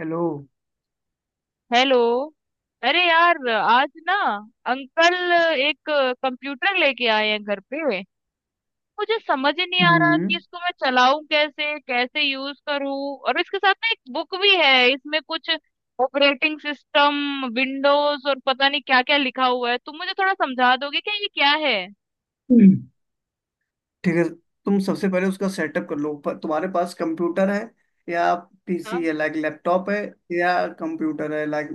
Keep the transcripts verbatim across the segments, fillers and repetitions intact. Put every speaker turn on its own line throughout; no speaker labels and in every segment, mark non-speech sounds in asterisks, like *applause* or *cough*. Hello.
Hello. अरे यार, आज ना अंकल एक कंप्यूटर लेके आए हैं घर पे। मुझे समझ ही नहीं आ रहा
हम्म।
कि इसको मैं चलाऊं कैसे, कैसे यूज करूं। और इसके साथ ना एक बुक भी है, इसमें कुछ ऑपरेटिंग सिस्टम, विंडोज और पता नहीं क्या क्या लिखा हुआ है। तुम मुझे थोड़ा समझा दोगे क्या, ये क्या है?
हम्म। ठीक है। तुम सबसे पहले उसका सेटअप कर लो। प- तुम्हारे पास कंप्यूटर है या पीसी
हाँ।
है, लाइक लैपटॉप है, या कंप्यूटर है, लाइक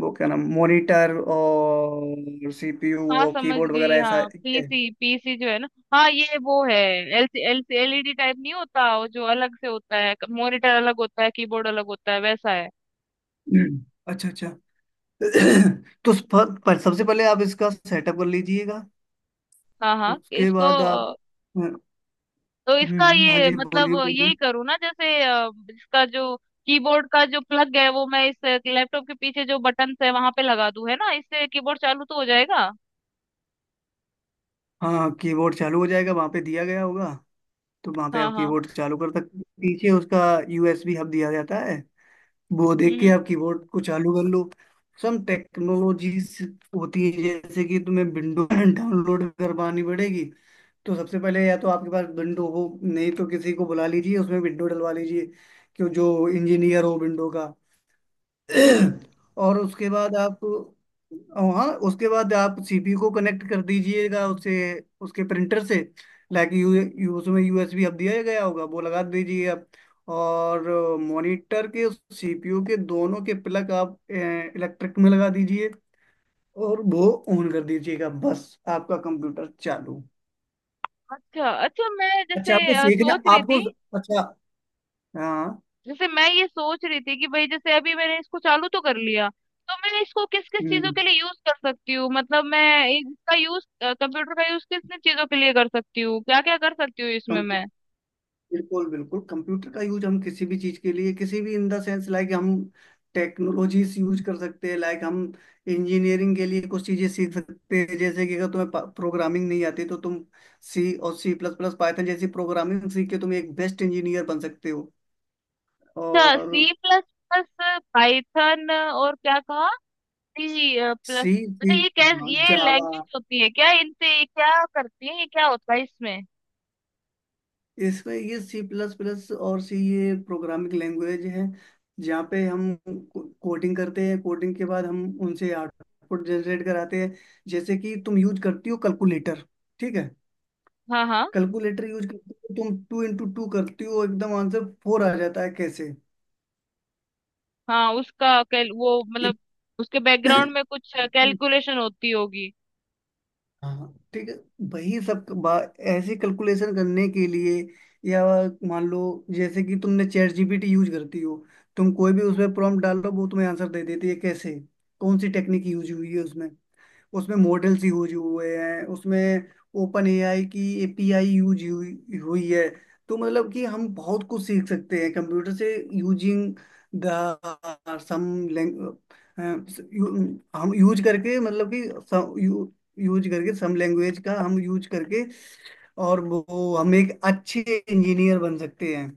वो क्या नाम, मॉनिटर और सीपीयू
हाँ,
और
समझ
कीबोर्ड
गई।
वगैरह ऐसा
हाँ,
है?
पीसी पीसी जो है ना, हाँ ये वो है। एलसी एलसी एलईडी टाइप नहीं होता वो, जो अलग से होता है। मॉनिटर अलग होता है, कीबोर्ड अलग होता है, वैसा है।
हम्म। अच्छा, अच्छा। *clears throat* तो स- प- पर सबसे पहले आप इसका सेटअप कर लीजिएगा।
हाँ, हाँ,
उसके
इसको
बाद आप।
अ,
हम्म।
तो इसका
हम्म, हाँ
ये
जी,
मतलब
बोलिए बोलिए।
यही करूँ ना? जैसे अ, इसका जो कीबोर्ड का जो प्लग है, वो मैं इस लैपटॉप के पीछे जो बटन है वहां पे लगा दूं, है ना? इससे कीबोर्ड चालू तो हो जाएगा।
हाँ, कीबोर्ड चालू हो जाएगा, वहां पे दिया गया होगा। तो वहां पे
हाँ,
आप
हाँ।
कीबोर्ड चालू कर सकते हो। पीछे उसका यूएसबी हब दिया जाता है, वो देख के
हम्म,
आप कीबोर्ड को चालू कर लो। सम टेक्नोलॉजीज होती है, जैसे कि तुम्हें विंडो डाउनलोड *laughs* करवानी पड़ेगी। तो सबसे पहले या तो आपके पास विंडो हो, नहीं तो किसी को बुला लीजिए, उसमें विंडो डलवा लीजिए, कि जो इंजीनियर हो विंडो का।
हम्म, हम्म।
और उसके बाद आप हाँ, उसके बाद आप सीपीयू को कनेक्ट कर दीजिएगा उससे, उसके प्रिंटर से। लाइक यू, यू उसमें यूएसबी हब दिया गया होगा, वो लगा दीजिए आप। और मॉनिटर के, सीपीयू के, दोनों के प्लग आप इलेक्ट्रिक में लगा दीजिए और वो ऑन कर दीजिएगा। बस आपका कंप्यूटर चालू।
अच्छा, अच्छा, मैं
अच्छा,
जैसे
आपको
अ,
सीखना?
सोच रही
आपको?
थी।
अच्छा। हाँ।
जैसे मैं ये सोच रही थी कि भाई, जैसे अभी मैंने इसको चालू तो कर लिया, तो मैं इसको किस किस चीजों
हम्म।
के लिए यूज कर सकती हूँ? मतलब मैं इसका यूज, कंप्यूटर का यूज किस किस चीजों के लिए कर सकती हूँ? क्या क्या कर सकती हूँ इसमें मैं?
बिल्कुल, बिल्कुल, कंप्यूटर का यूज हम किसी भी चीज के लिए, किसी भी, इन द सेंस, लाइक हम टेक्नोलॉजीज यूज कर सकते हैं। लाइक हम इंजीनियरिंग के लिए कुछ चीजें सीख सकते हैं, जैसे कि अगर तुम्हें प्रोग्रामिंग नहीं आती तो तुम सी और सी प्लस प्लस, पाइथन जैसी प्रोग्रामिंग सीख के तुम एक बेस्ट इंजीनियर बन सकते हो।
अच्छा,
और
सी प्लस प्लस, पाइथन और क्या कहा? C plus.
सी, सी।
अच्छा, ये
हाँ,
कैसे, ये
जावा।
लैंग्वेज होती है क्या? इनसे ये क्या करती है, ये क्या होता है इसमें?
इसमें ये सी प्लस प्लस और सी, ये प्रोग्रामिंग लैंग्वेज है, जहाँ पे हम कोडिंग करते हैं। कोडिंग के बाद हम उनसे आउटपुट जनरेट कराते हैं। जैसे कि तुम यूज करती हो कैलकुलेटर, ठीक है?
हाँ, हाँ।
कैलकुलेटर यूज करती हो तुम, टू इंटू टू करती हो, एकदम आंसर फोर आ जाता है। कैसे?
हाँ, उसका कैल, वो मतलब उसके बैकग्राउंड में कुछ
*clears throat*
कैलकुलेशन होती होगी।
हाँ, ठीक है। वही सब बा- ऐसे कैलकुलेशन करने के लिए, या मान लो, जैसे कि तुमने चैट जीपीटी यूज करती हो। तुम कोई भी उसमें प्रॉम्प्ट डालो, वो तुम्हें आंसर दे देती है। कैसे? कौन सी टेक्निक यूज हुई है उसमें उसमें मॉडल्स यूज हुए हैं। उसमें ओपन एआई की एपीआई यूज हुई हुई है। तो मतलब कि हम बहुत कुछ सीख सकते हैं कंप्यूटर से, यूजिंग द सम, हम यूज करके, मतलब कि सम, यू, यूज करके, सम लैंग्वेज का हम यूज करके, और वो, हम एक अच्छे इंजीनियर बन सकते हैं।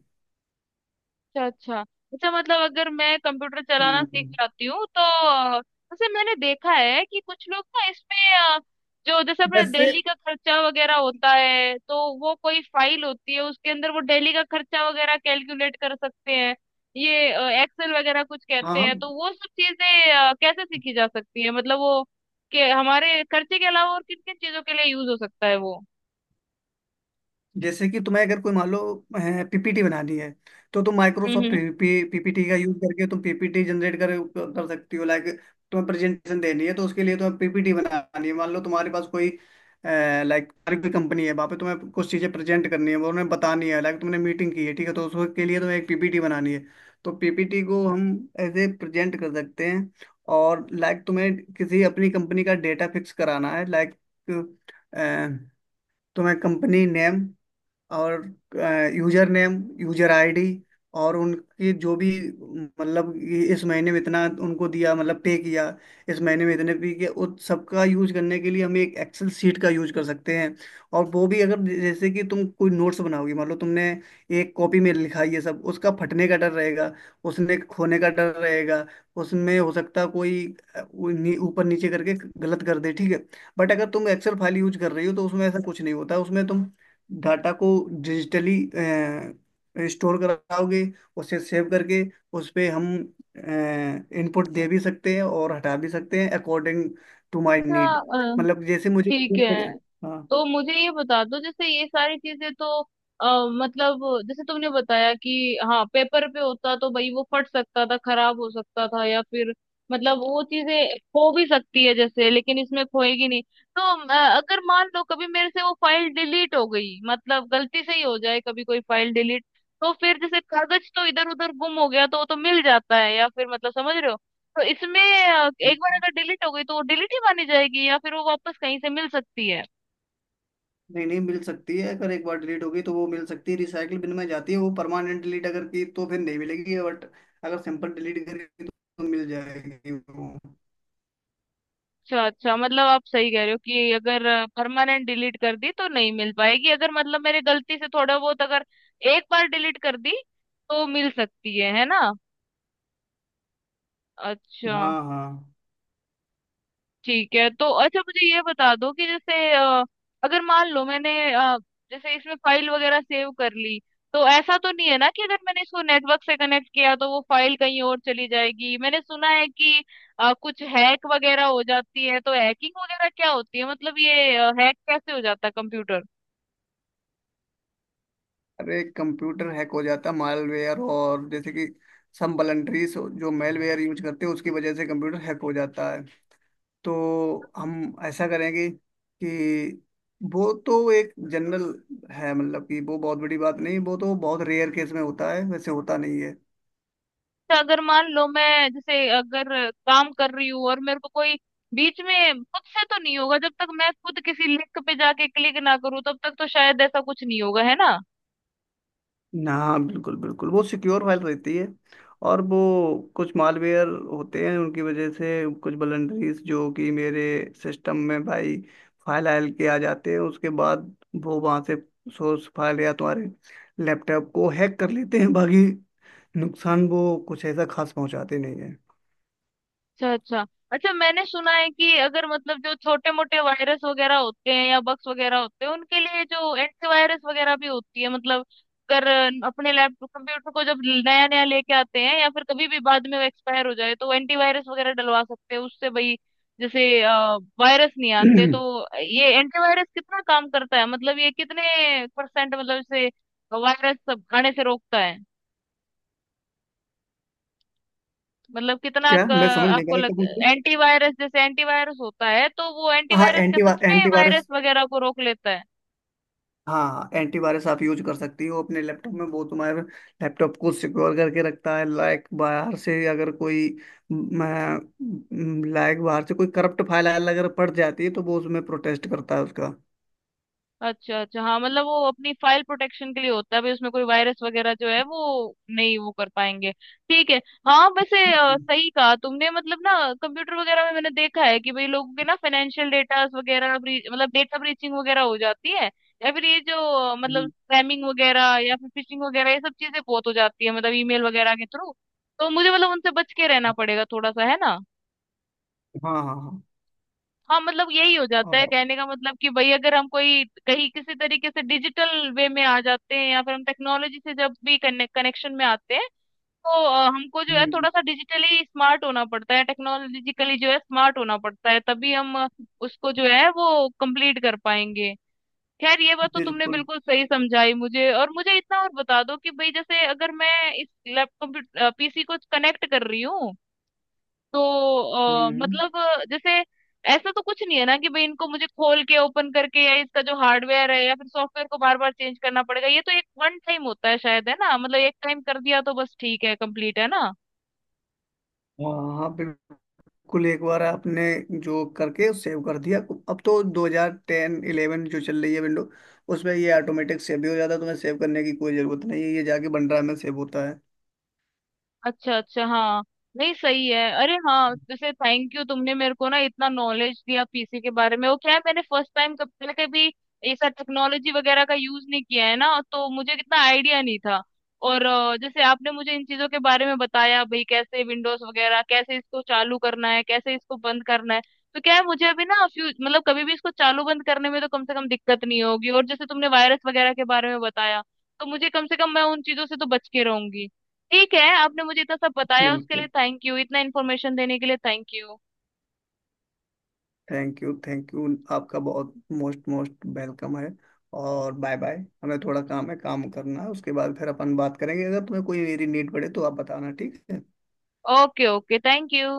अच्छा, अच्छा। अच्छा, मतलब अगर मैं कंप्यूटर चलाना सीख
हम्म।
जाती हूँ तो अ, वैसे मैंने देखा है कि कुछ लोग ना इसमें अ, जो जैसे अपने
वैसे,
दिल्ली का खर्चा वगैरह होता है, तो वो कोई फाइल होती है, उसके अंदर वो दिल्ली का खर्चा वगैरह कैलकुलेट कर सकते हैं। ये एक्सेल वगैरह कुछ कहते
हाँ।
हैं, तो वो सब चीजें अ, कैसे सीखी जा सकती है? मतलब वो के हमारे खर्चे के अलावा और किन किन चीजों के लिए यूज हो सकता है वो?
जैसे कि तुम्हें अगर कोई, मान लो, पीपीटी बनानी है, तो तुम
हम्म,
माइक्रोसॉफ्ट
हम्म।
पीपीटी का यूज करके तुम पीपीटी जनरेट कर कर सकती हो। लाइक, तुम्हें प्रेजेंटेशन देनी है, तो उसके लिए तुम्हें पीपीटी बनानी है। मान लो तुम्हारे पास कोई, लाइक, तुम्हारी कोई कंपनी है, वहाँ पे तुम्हें कुछ चीज़ें प्रेजेंट करनी है, वो उन्हें बतानी है, लाइक तुमने मीटिंग की है, ठीक है, तो उसके लिए तुम्हें एक पीपीटी बनानी है। तो पीपीटी को हम एज ए प्रेजेंट कर सकते हैं। और लाइक तुम्हें किसी अपनी कंपनी का डेटा फिक्स कराना है, लाइक तुम्हें कंपनी नेम और यूजर नेम, यूजर आईडी, और उनकी जो भी, मतलब ये इस महीने में इतना उनको दिया, मतलब पे किया, इस महीने में इतने पे किया, उस सबका यूज करने के लिए हम एक एक्सेल शीट का यूज कर सकते हैं। और वो भी, अगर, जैसे कि तुम कोई नोट्स बनाओगी, मान लो तुमने एक कॉपी में लिखा ये सब, उसका फटने का डर रहेगा, उसने खोने का डर रहेगा। उसमें हो सकता है कोई, अ, वो नी- ऊपर नीचे करके गलत कर दे, ठीक है? बट अगर तुम एक्सेल फाइल यूज कर रही हो तो उसमें ऐसा कुछ नहीं होता। उसमें तुम डाटा को डिजिटली स्टोर कराओगे, उसे सेव करके, उस पे हम इनपुट दे भी सकते हैं और हटा भी सकते हैं, अकॉर्डिंग टू माय
अच्छा।
नीड।
अ,
मतलब जैसे मुझे
ठीक
जरूरत पड़े।
है,
हाँ।
तो मुझे ये बता दो, जैसे ये सारी चीजें तो आ, मतलब जैसे तुमने बताया कि हाँ, पेपर पे होता तो भाई वो फट सकता था, खराब हो सकता था, या फिर मतलब वो चीजें खो भी सकती है जैसे, लेकिन इसमें खोएगी नहीं। तो अ, अगर मान लो कभी मेरे से वो फाइल डिलीट हो गई, मतलब गलती से ही हो जाए कभी कोई फाइल डिलीट, तो फिर जैसे कागज तो इधर उधर गुम हो गया तो वो तो मिल जाता है, या फिर मतलब समझ रहे हो, तो इसमें अ, एक बार अगर डिलीट हो गई तो वो डिलीट ही मानी जाएगी, या फिर वो वापस कहीं से मिल सकती है?
नहीं, नहीं मिल सकती है। अगर एक बार डिलीट हो गई तो वो मिल सकती है, रिसाइकिल बिन में जाती है वो। परमानेंट डिलीट अगर की तो फिर नहीं मिलेगी, बट अगर सिंपल डिलीट करेगी तो मिल जाएगी वो।
अच्छा, अच्छा। मतलब आप सही कह रहे हो कि अगर परमानेंट डिलीट कर दी तो नहीं मिल पाएगी, अगर मतलब मेरे गलती से थोड़ा बहुत अगर एक बार डिलीट कर दी तो मिल सकती है है ना? अच्छा,
हाँ, हाँ।
ठीक है। तो अच्छा, मुझे ये बता दो कि जैसे अ, अगर मान लो मैंने अ, जैसे इसमें फाइल वगैरह सेव कर ली, तो ऐसा तो नहीं है ना कि अगर मैंने इसको नेटवर्क से कनेक्ट किया तो वो फाइल कहीं और चली जाएगी? मैंने सुना है कि अ, कुछ हैक वगैरह हो जाती है, तो हैकिंग वगैरह क्या होती है? मतलब ये हैक कैसे हो जाता है कंप्यूटर?
अरे कंप्यूटर हैक हो जाता मालवेयर, और जैसे कि सम वलनटरीज जो मेलवेयर यूज करते हैं, उसकी वजह से कंप्यूटर हैक हो जाता है। तो हम ऐसा करेंगे कि वो तो एक जनरल है, मतलब कि वो बहुत बड़ी बात नहीं, वो तो बहुत रेयर केस में होता है, वैसे होता नहीं है।
तो अगर मान लो मैं, जैसे अगर काम कर रही हूँ और मेरे को कोई बीच में, खुद से तो नहीं होगा, जब तक मैं खुद किसी लिंक पे जाके क्लिक ना करूँ तब तक तो शायद ऐसा कुछ नहीं होगा, है ना?
ना, बिल्कुल, बिल्कुल, वो सिक्योर फाइल रहती है। और वो, कुछ मालवेयर होते हैं, उनकी वजह से कुछ वलनरीज जो कि मेरे सिस्टम में भाई फाइल आयल के आ जाते हैं, उसके बाद वो वहाँ से सोर्स फाइल या तुम्हारे लैपटॉप को हैक कर लेते हैं। बाकी नुकसान वो कुछ ऐसा खास पहुँचाते नहीं है।
अच्छा, अच्छा। अच्छा, मैंने सुना है कि अगर मतलब जो छोटे मोटे वायरस वगैरह होते हैं या बग्स वगैरह होते हैं, उनके लिए जो एंटीवायरस वगैरह भी होती है, मतलब अगर अपने लैपटॉप कंप्यूटर को जब नया नया लेके आते हैं या फिर कभी भी बाद में वो एक्सपायर हो जाए, तो एंटीवायरस वगैरह डलवा सकते हैं, उससे भाई जैसे वायरस नहीं आते।
*clears throat*
तो ये एंटीवायरस कितना काम करता है? मतलब ये कितने परसेंट मतलब इसे वायरस आने से रोकता है? मतलब कितना
क्या,
क-
मैं समझ नहीं
आपको
पाया
लग
क्या पूछ रहे
एंटीवायरस, जैसे एंटीवायरस होता है, तो वो
हो? हाँ,
एंटीवायरस क्या
एंटी
सच में वायरस
एंटीवायरस।
वगैरह को रोक लेता है?
हाँ, एंटीवायरस आप यूज कर सकती हो अपने लैपटॉप में, वो तुम्हारे लैपटॉप को सिक्योर करके रखता है। लाइक बाहर से अगर कोई, लाइक बाहर से कोई करप्ट फाइल अगर पड़ जाती है, तो वो उसमें प्रोटेस्ट करता है उसका।
अच्छा, अच्छा। हाँ, मतलब वो अपनी फाइल प्रोटेक्शन के लिए होता है, भाई उसमें कोई वायरस वगैरह जो है वो नहीं वो कर पाएंगे, ठीक है। हाँ, वैसे अ,
हम्म,
सही कहा तुमने, मतलब ना कंप्यूटर वगैरह में मैंने देखा है कि भाई लोगों के ना फाइनेंशियल डेटा वगैरह ब्री- मतलब डेटा ब्रीचिंग वगैरह हो जाती है, या फिर ये जो अ, मतलब
हम्म,
स्पैमिंग वगैरह या फिर फिशिंग वगैरह, ये सब चीजें बहुत हो जाती है, मतलब ईमेल वगैरह के थ्रू। तो मुझे मतलब उनसे बच के रहना पड़ेगा थोड़ा सा, है ना?
हाँ, हाँ, हाँ।
हाँ, मतलब यही हो जाता है।
और-
कहने का मतलब कि भाई अगर हम कोई कहीं किसी तरीके से डिजिटल वे में आ जाते हैं, या फिर हम टेक्नोलॉजी से जब भी कनेक्शन में आते हैं, तो अ, हमको जो है
हम्म।
थोड़ा सा डिजिटली स्मार्ट होना पड़ता है, टेक्नोलॉजिकली जो है स्मार्ट होना पड़ता है, तभी हम अ, उसको जो है वो कंप्लीट कर पाएंगे। खैर, ये बात तो तुमने
बिल्कुल।
बिल्कुल सही समझाई मुझे, और मुझे इतना और बता दो कि भाई जैसे अगर मैं इस लैपटॉप पीसी को कनेक्ट कर रही हूँ, तो अ,
हम्म।
मतलब अ, जैसे ऐसा तो कुछ नहीं है ना कि भाई इनको मुझे खोल के ओपन करके या इसका जो हार्डवेयर है या फिर सॉफ्टवेयर को बार बार चेंज करना पड़ेगा? ये तो एक वन टाइम होता है शायद, है ना? मतलब एक टाइम कर दिया तो बस ठीक है, कंप्लीट, है ना?
हाँ, हाँ, बिल्कुल। कुल एक बार आपने जो करके सेव कर दिया, अब तो दो हज़ार दस इलेवन जो चल रही है विंडो, उसमें ये ऑटोमेटिक सेव भी हो जाता है। तुम्हें सेव करने की कोई जरूरत नहीं है, ये जाके बन ड्राइव में सेव होता है।
अच्छा, अच्छा। हाँ, नहीं सही है। अरे हाँ, जैसे थैंक यू, तुमने मेरे को ना इतना नॉलेज दिया पीसी के बारे में। वो क्या है, मैंने फर्स्ट टाइम, कब पहले कभी ऐसा टेक्नोलॉजी वगैरह का यूज नहीं किया है ना, तो मुझे कितना आइडिया नहीं था। और अ, जैसे आपने मुझे इन चीजों के बारे में बताया, भाई कैसे विंडोज वगैरह, कैसे इसको चालू करना है, कैसे इसको बंद करना है। तो क्या है, मुझे अभी ना फ्यू मतलब कभी भी इसको चालू बंद करने में तो कम से कम दिक्कत नहीं होगी, और जैसे तुमने वायरस वगैरह के बारे में बताया तो मुझे कम से कम मैं उन चीजों से तो बच के रहूंगी। ठीक है, आपने मुझे इतना सब बताया उसके लिए
बिल्कुल।
थैंक यू, इतना इन्फॉर्मेशन देने के लिए thank you.
Thank you, thank you. आपका बहुत मोस्ट मोस्ट वेलकम है। और बाय बाय, हमें थोड़ा काम है, काम करना है, उसके बाद फिर अपन बात करेंगे। अगर तुम्हें कोई मेरी नीड पड़े तो आप बताना। ठीक है।
Okay, okay, thank you.